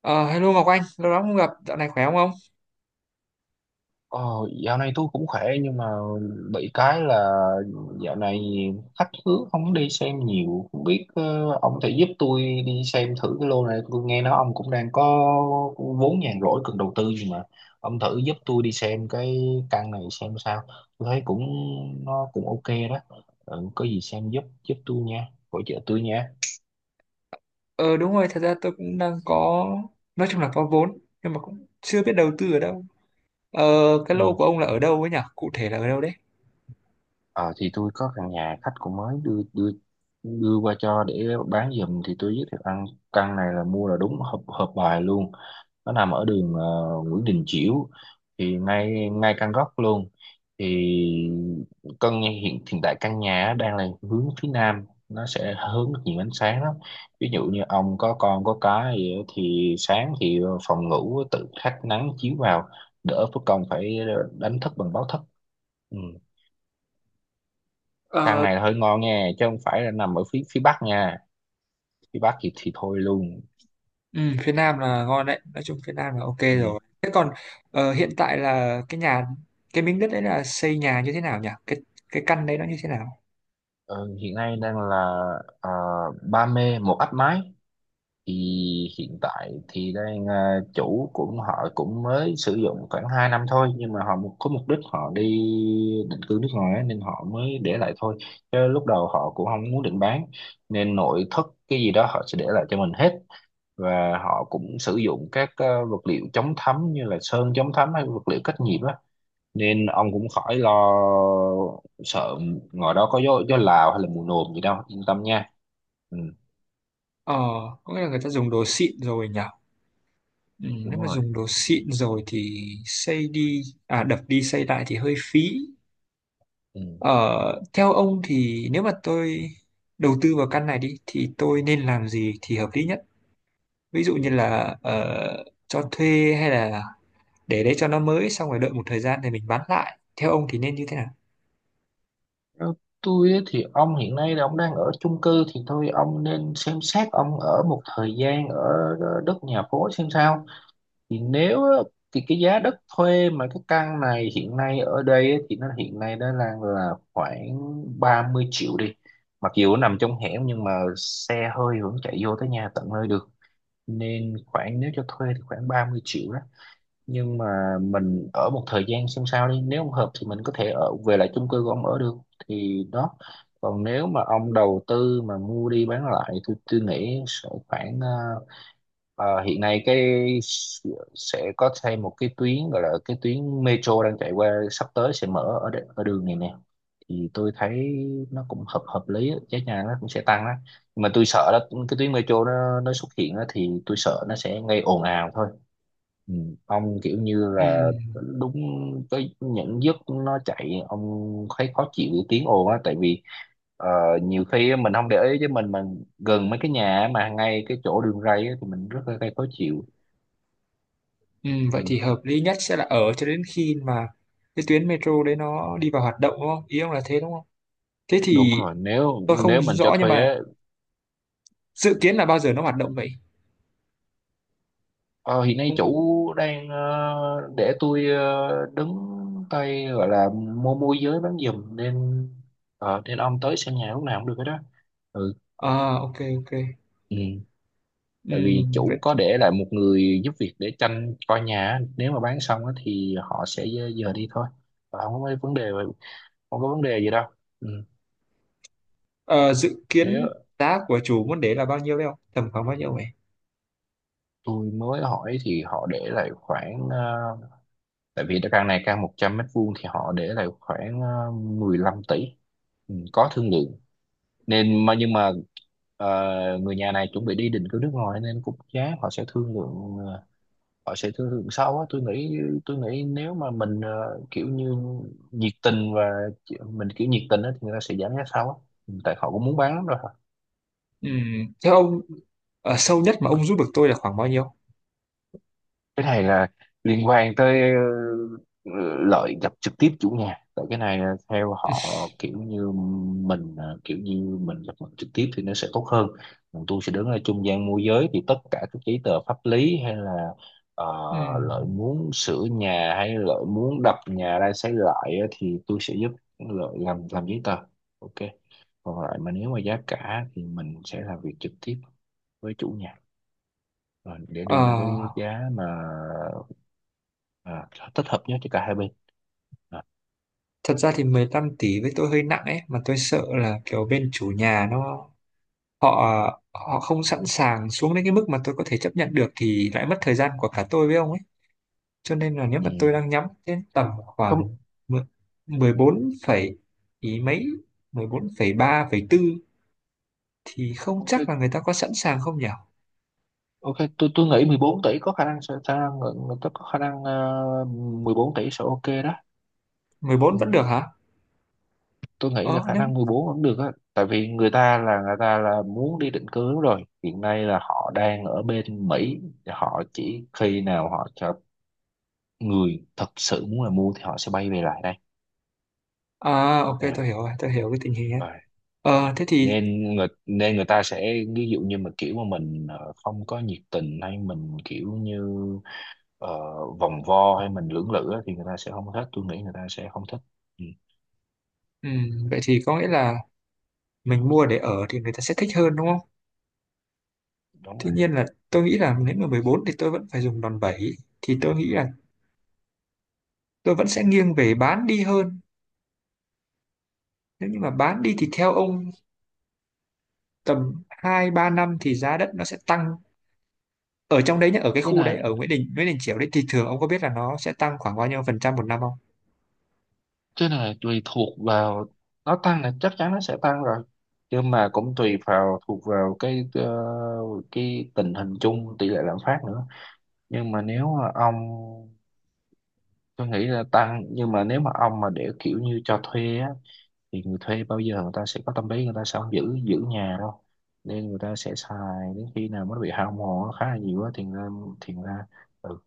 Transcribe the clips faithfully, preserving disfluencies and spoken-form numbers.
Ờ, Hello Ngọc Anh, lâu lắm không gặp, dạo này khỏe không ông? Ờ, Dạo này tôi cũng khỏe nhưng mà bị cái là dạo này khách hứa không đi xem nhiều, không biết ờ, ông thể giúp tôi đi xem thử cái lô này. Tôi nghe nói ông cũng đang có vốn nhàn rỗi cần đầu tư gì mà, ông thử giúp tôi đi xem cái căn này xem sao. Tôi thấy cũng nó cũng ok đó. Ừ, có gì xem giúp giúp tôi nha, hỗ trợ tôi nha. Ờ, đúng rồi, thật ra tôi cũng đang có, nói chung là có vốn, nhưng mà cũng chưa biết đầu tư ở đâu. Ờ, cái lô Ừ. của ông là ở đâu ấy nhỉ? Cụ thể là ở đâu đấy? Ờ thì tôi có căn nhà khách cũng mới đưa đưa đưa qua cho để bán giùm, thì tôi giới thiệu ăn. Căn này là mua là đúng hợp hợp bài luôn. Nó nằm ở đường ờ, Nguyễn Đình Chiểu, thì ngay ngay căn góc luôn. Thì căn nhà- hiện hiện tại căn nhà á đang là hướng phía Nam, nó sẽ hướng được nhiều ánh sáng lắm. Ví dụ như ông có con có cái gì á thì sáng thì phòng ngủ tự thác nắng chiếu vào, đỡ phải công phải đánh thức bằng báo thức. Ừ. Căn Ờ. này là hơi ngon nha, chứ không phải là nằm ở phía phía Bắc nha. Phía Bắc thì thì thôi luôn. Ừ, phía Nam là ngon đấy, nói chung phía Nam là ok Ừ. rồi. Thế còn ờ, hiện tại là cái nhà, cái miếng đất đấy là xây nhà như thế nào nhỉ? Cái cái căn đấy nó như thế nào? Ờ, Hiện nay đang là ờ, Ba Mê một áp mái. Thì hiện tại thì đang ờ, chủ cũng họ cũng mới sử dụng khoảng hai năm thôi, nhưng mà họ mục- có mục đích họ đi định cư nước ngoài á, nên họ mới để lại thôi. Chứ lúc đầu họ cũng không muốn định bán. Nên nội thất cái gì đó họ sẽ để lại cho mình hết. Và họ cũng sử dụng các ờ, vật liệu chống thấm như là sơn chống thấm hay vật liệu cách nhiệt á, nên ông cũng khỏi lo sợ ngoài đó có gió, gió Lào hay là mùa nồm gì đâu, yên tâm nha. Ừ. Ờ, có nghĩa là người ta dùng đồ xịn rồi nhỉ? Ừ, nếu Đúng mà rồi. dùng đồ xịn rồi thì xây đi, à đập đi xây lại thì hơi phí. Ừ. Ờ, Theo ông thì nếu mà tôi đầu tư vào căn này đi thì tôi nên làm gì thì hợp lý nhất? Ví dụ như là ờ, cho thuê hay là để đấy cho nó mới xong rồi đợi một thời gian thì mình bán lại. Theo ông thì nên như thế nào? Theo tôi á thì ông hiện nay là ông đang ở chung cư, thì thôi ông nên xem xét ông ở một thời gian ở ờ, đất nhà phố xem sao. Thì nếu á, thì cái giá đất thuê mà cái căn này hiện nay ở đây á, thì nó hiện nay nó đang là khoảng ba mươi triệu đi. Mặc dù nó nằm trong hẻm nhưng mà xe hơi vẫn chạy vô tới nhà tận nơi được. Nên khoảng nếu cho thuê thì khoảng ba mươi triệu đó. Nhưng mà mình ở một thời gian xem sao đi, nếu không hợp thì mình có thể ở về lại chung cư của ông ở được, thì đó. Còn nếu mà ông đầu tư mà mua đi bán lại thì tôi nghĩ sẽ khoảng ờ, Ờ, hiện nay cái sẽ có thêm một cái tuyến gọi là cái tuyến metro đang chạy qua, sắp tới sẽ mở ở đ- ở đường này nè. Thì tôi thấy nó cũng hợp hợp lý á, giá nhà nó cũng sẽ tăng đó. Nhưng mà tôi sợ đó, cái tuyến metro nó nó xuất hiện á, thì tôi sợ nó sẽ gây ồn ào thôi. Ừ. Ông kiểu như là Ừm, đúng cái những giấc nó chạy ông thấy khó chịu cái tiếng ồn á, tại vì Ờ, nhiều khi á, mình không để ý chứ mình mình gần mấy cái nhà mà ngay cái chỗ đường ray á, thì mình rất là gây khó chịu. ừm, vậy Ừ. thì hợp lý nhất sẽ là ở cho đến khi mà cái tuyến metro đấy nó đi vào hoạt động đúng không? Ý ông là thế đúng không? Thế Đúng thì rồi. nếu tôi không nếu mình cho rõ nhưng thuê mà á, dự kiến là bao giờ nó hoạt động vậy? ờ, hiện nay Ông, ông. chủ đang ờ, để tôi ờ, đứng tay gọi là mua môi giới bán giùm nên. Ờ, nên ông tới xem nhà lúc nào cũng được hết đó. Ừ. À, ok, ok. Ừ. Tại vì Ừm, vậy. chủ có để lại một người giúp việc để tranh coi nhà á. Nếu mà bán xong á, thì họ sẽ ờ, giờ đi thôi. Và không có vấn đề không có vấn đề gì đâu. Ừ. Ờ, dự kiến Nếu giá của chủ môn đế là bao nhiêu đấy không? Tầm khoảng bao nhiêu vậy? tôi mới hỏi thì họ để lại khoảng ờ, tại vì căn này căn một trăm mét vuông thì họ để lại khoảng ờ, mười lăm tỷ. Ừ, có thương lượng. Nên mà nhưng mà ờ, người nhà này chuẩn bị đi định cư nước ngoài nên cũng giá họ sẽ thương lượng ờ, họ sẽ thương lượng sau á tôi nghĩ. Tôi nghĩ nếu mà mình ờ, kiểu như nhiệt tình, và chị- mình kiểu nhiệt tình á thì người ta sẽ giảm giá sau á. Ừ, tại họ cũng muốn bán lắm rồi. Ừm, Theo ông, ờ, sâu nhất mà ông giúp được tôi là khoảng bao nhiêu? Cái này là liên quan tới ờ, lợi gặp trực tiếp chủ nhà, tại cái này là theo họ, kiểu như mình ờ, kiểu như mình gặp mặt trực tiếp thì nó sẽ tốt hơn. Còn tôi sẽ đứng ở trung gian môi giới, thì tất cả các giấy tờ pháp lý hay là ờ, lợi Ừm, muốn sửa nhà hay lợi muốn đập nhà ra xây lại á, thì tôi sẽ giúp lợi làm làm giấy tờ. Ok. Còn lại mà nếu mà giá cả thì mình sẽ làm việc trực tiếp với chủ nhà, rồi để ờ, đưa ra cái giá mà à, thích hợp nhất cho cả hai bên. à, Thật ra thì mười lăm tỷ với tôi hơi nặng ấy, mà tôi sợ là kiểu bên chủ nhà nó họ họ không sẵn sàng xuống đến cái mức mà tôi có thể chấp nhận được thì lại mất thời gian của cả tôi với ông ấy. Cho nên là nếu ừ. mà tôi đang nhắm đến tầm Không. khoảng mười- mười bốn phẩy ý mấy, mười bốn phẩy phẩy ba phẩy tư. Thì không Ok. chắc là người ta có sẵn sàng không nhỉ? Ok, tôi tôi nghĩ mười bốn tỷ có khả năng sẽ khả người người ta có khả năng ờ, mười bốn tỷ sẽ ok đó. Mười bốn Ừ, vẫn được hả? tôi nghĩ là Ờ, khả nếu... năng mười bốn vẫn được á, tại vì người ta là người ta là muốn đi định cư rồi, hiện nay là họ đang ở bên Mỹ. Họ chỉ khi nào họ cho người thật sự muốn là mua thì họ sẽ bay về lại đây. À, ok, tôi à, hiểu rồi, tôi hiểu cái tình hình ấy. Rồi. Ờ, thế thì, nên người Nên người ta sẽ ví dụ như mà kiểu mà mình ờ, không có nhiệt tình hay mình kiểu như ờ, vòng vo hay mình lưỡng lự á, thì người ta sẽ không thích. Tôi nghĩ người ta sẽ không thích. Ừ, ừm, vậy thì có nghĩa là mình mua để ở thì người ta sẽ thích hơn đúng không? đúng Tuy rồi. nhiên là tôi nghĩ là nếu mà mười bốn thì tôi vẫn phải dùng đòn bẩy. Thì tôi nghĩ là tôi vẫn sẽ nghiêng về bán đi hơn. Nếu như mà bán đi thì theo ông tầm hai ba năm thì giá đất nó sẽ tăng. Ở trong đấy nhá, ở cái cái khu đấy, này ở Nguyễn Đình, Nguyễn Đình Chiểu đấy thì thường ông có biết là nó sẽ tăng khoảng bao nhiêu phần trăm một năm không? cái này tùy thuộc vào, nó tăng là chắc chắn nó sẽ tăng rồi. Nhưng mà cũng tùy vào thuộc vào cái ờ, cái tình hình chung, tỷ lệ lạm phát nữa. Nhưng mà nếu mà ông tôi nghĩ là tăng, nhưng mà nếu mà ông mà để kiểu như cho thuê á thì người thuê bao giờ người ta sẽ có tâm lý, người ta sẽ không giữ giữ nhà đâu. Nên người ta sẽ xài đến khi nào mới bị hao mòn nó khá là nhiều á thì ra thì ra. Ừ.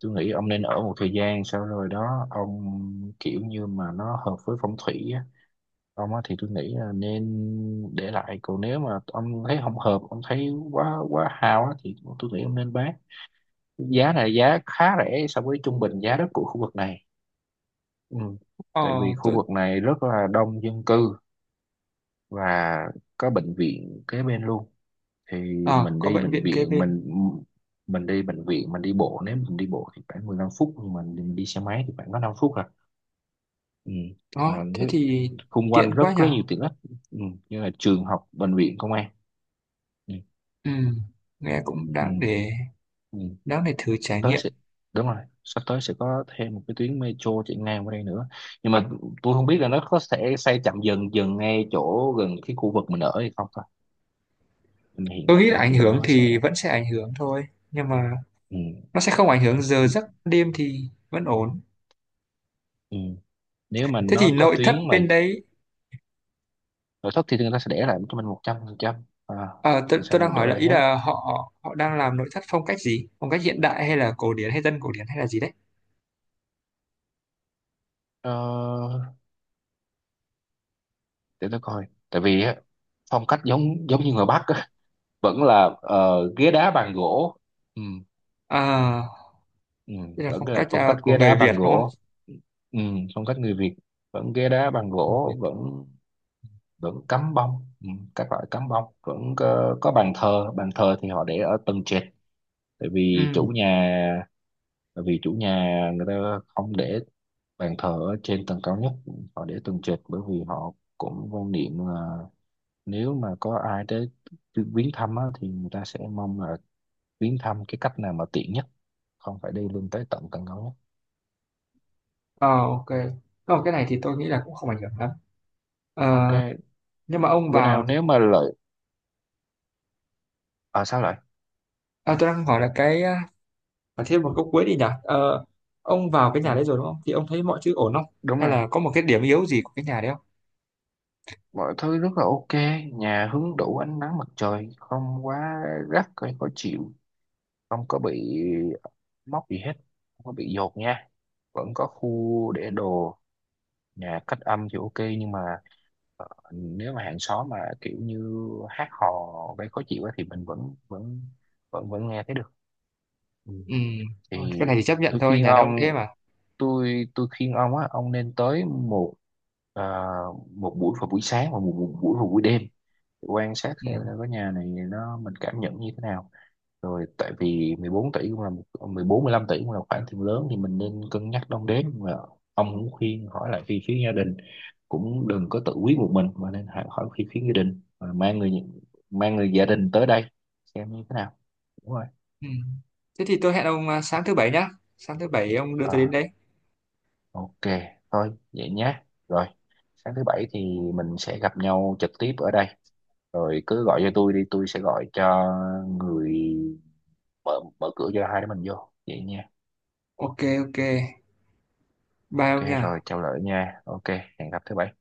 Tôi nghĩ ông nên ở một thời gian sau rồi đó ông, kiểu như mà nó hợp với phong thủy á ông á thì tôi nghĩ là nên để lại. Còn nếu mà ông thấy không hợp, ông thấy quá quá hao á thì tôi nghĩ ông nên bán. Giá này giá khá rẻ so với trung bình giá đất của khu vực này. Ừ. Ờ, Tại vì khu tôi, vực này rất là đông dân cư, và có bệnh viện kế bên luôn. Thì ờ, mình có đi bệnh bệnh viện kế viện bên. mình mình đi bệnh viện, mình đi bộ nếu mình đi bộ thì khoảng mười lăm phút, nhưng mà mình đi xe máy thì khoảng có năm phút à. Ừ. Và Đó, nó- thế thì xung quanh tiện rất quá rất nhở. nhiều tiện ích. Ừ. Như là trường học, bệnh viện, công an. Ừ. Ừ, nghe cũng Ừ. đáng để Ừ. đáng để thử Sắp trải tới nghiệm. sẽ đúng rồi, sắp tới sẽ có thêm một cái tuyến metro chạy ngang qua đây nữa. Nhưng mà tôi không biết là nó có sẽ xây chậm dần dần ngay chỗ gần cái khu vực mình ở hay không thôi. Nhưng mà hiện Tôi nghĩ là tại ảnh thì hưởng nó sẽ. thì vẫn sẽ ảnh hưởng thôi, nhưng mà Ừ. nó sẽ không ảnh hưởng giờ giấc đêm thì vẫn ổn. Ừ. Nếu mà Thế thì nó có nội thất tuyến mà bên đấy, nội thất, thì người ta sẽ để lại cho mình một trăm phần trăm. à, ờ, tôi, mình sẽ tôi đang hỏi đổi là lại ý hết. là họ họ đang làm nội thất phong cách gì? Phong cách hiện đại hay là cổ điển hay dân cổ điển hay là gì đấy? ờ, để tôi coi tại vì á, phong cách giống giống như người Bắc á, vẫn là ờ, ghế đá bàn gỗ. Ừ. À, Ừ. đây là Vẫn phong là cách phong à, cách của ghế đá người bàn Việt đúng không? gỗ. Ừ, phong cách người Việt, vẫn ghế đá bàn Người gỗ, Việt. vẫn vẫn cắm bông. Ừ, các loại cắm bông vẫn có, có bàn thờ bàn thờ thì họ để ở tầng trệt, tại vì Ừ, chủ nhà. Bởi vì chủ nhà người ta không để bàn thờ ở trên tầng cao nhất. Họ để tầng trệt bởi vì họ cũng quan niệm là, nếu mà có ai tới viếng thăm á, thì người ta sẽ mong là viếng thăm cái cách nào mà tiện nhất, không phải đi lên tới tận tầng cao nhất. ờ, ok. Còn cái này thì tôi nghĩ là cũng không ảnh hưởng lắm. Ờ, Ok. nhưng mà ông Bữa vào nào thì nếu mà lợi. À sao lại. à, tôi đang hỏi là cái ờ, và thêm một câu cuối đi nhỉ. Ờ, ông vào cái Ừ. nhà đấy rồi đúng không thì ông thấy mọi thứ ổn không Đúng hay rồi. là có một cái điểm yếu gì của cái nhà đấy không? Mọi thứ rất là ok. Nhà hứng đủ ánh nắng mặt trời, không quá gắt hay khó chịu. Không có bị móc gì hết. Không có bị dột nha. Vẫn có khu để đồ. Nhà cách âm thì ok, nhưng mà ờ, nếu mà hàng xóm mà kiểu như hát hò gây khó chịu á thì mình vẫn vẫn vẫn vẫn nghe thấy được. Ừ. Ừ, thôi, Thì cái này thì chấp nhận tôi thôi khuyên nhà đó ông thế ông, mà. tôi tôi khuyên ông á, ông nên tới một à, một buổi vào buổi sáng và một, một buổi vào buổi đêm, để quan sát Ừ. xem là cái nhà này nó mình cảm nhận như thế nào. Rồi tại vì mười bốn tỷ cũng là một, mười bốn mười lăm tỷ cũng là khoản tiền lớn, thì mình nên cân nhắc đong đếm mà. Ông cũng khuyên hỏi lại phía phía gia đình, cũng đừng có tự quyết một mình mà nên hỏi hỏi phía phía gia đình. Mà mang người mang người gia đình tới đây xem như thế nào. Đúng rồi. Ừ. Thế thì tôi hẹn ông à, sáng thứ Bảy nhá, sáng thứ Bảy ông đưa tôi đến đấy. Ok, thôi vậy nhé. Rồi, sáng thứ bảy thì mình sẽ gặp nhau trực tiếp ở đây. Rồi cứ gọi cho tôi đi, tôi sẽ gọi cho người mở mở cửa cho hai đứa mình vô. Vậy nha. Ok, ok, bye Ok, ông nha. rồi chào lỡ nha. Ok, hẹn gặp thứ bảy.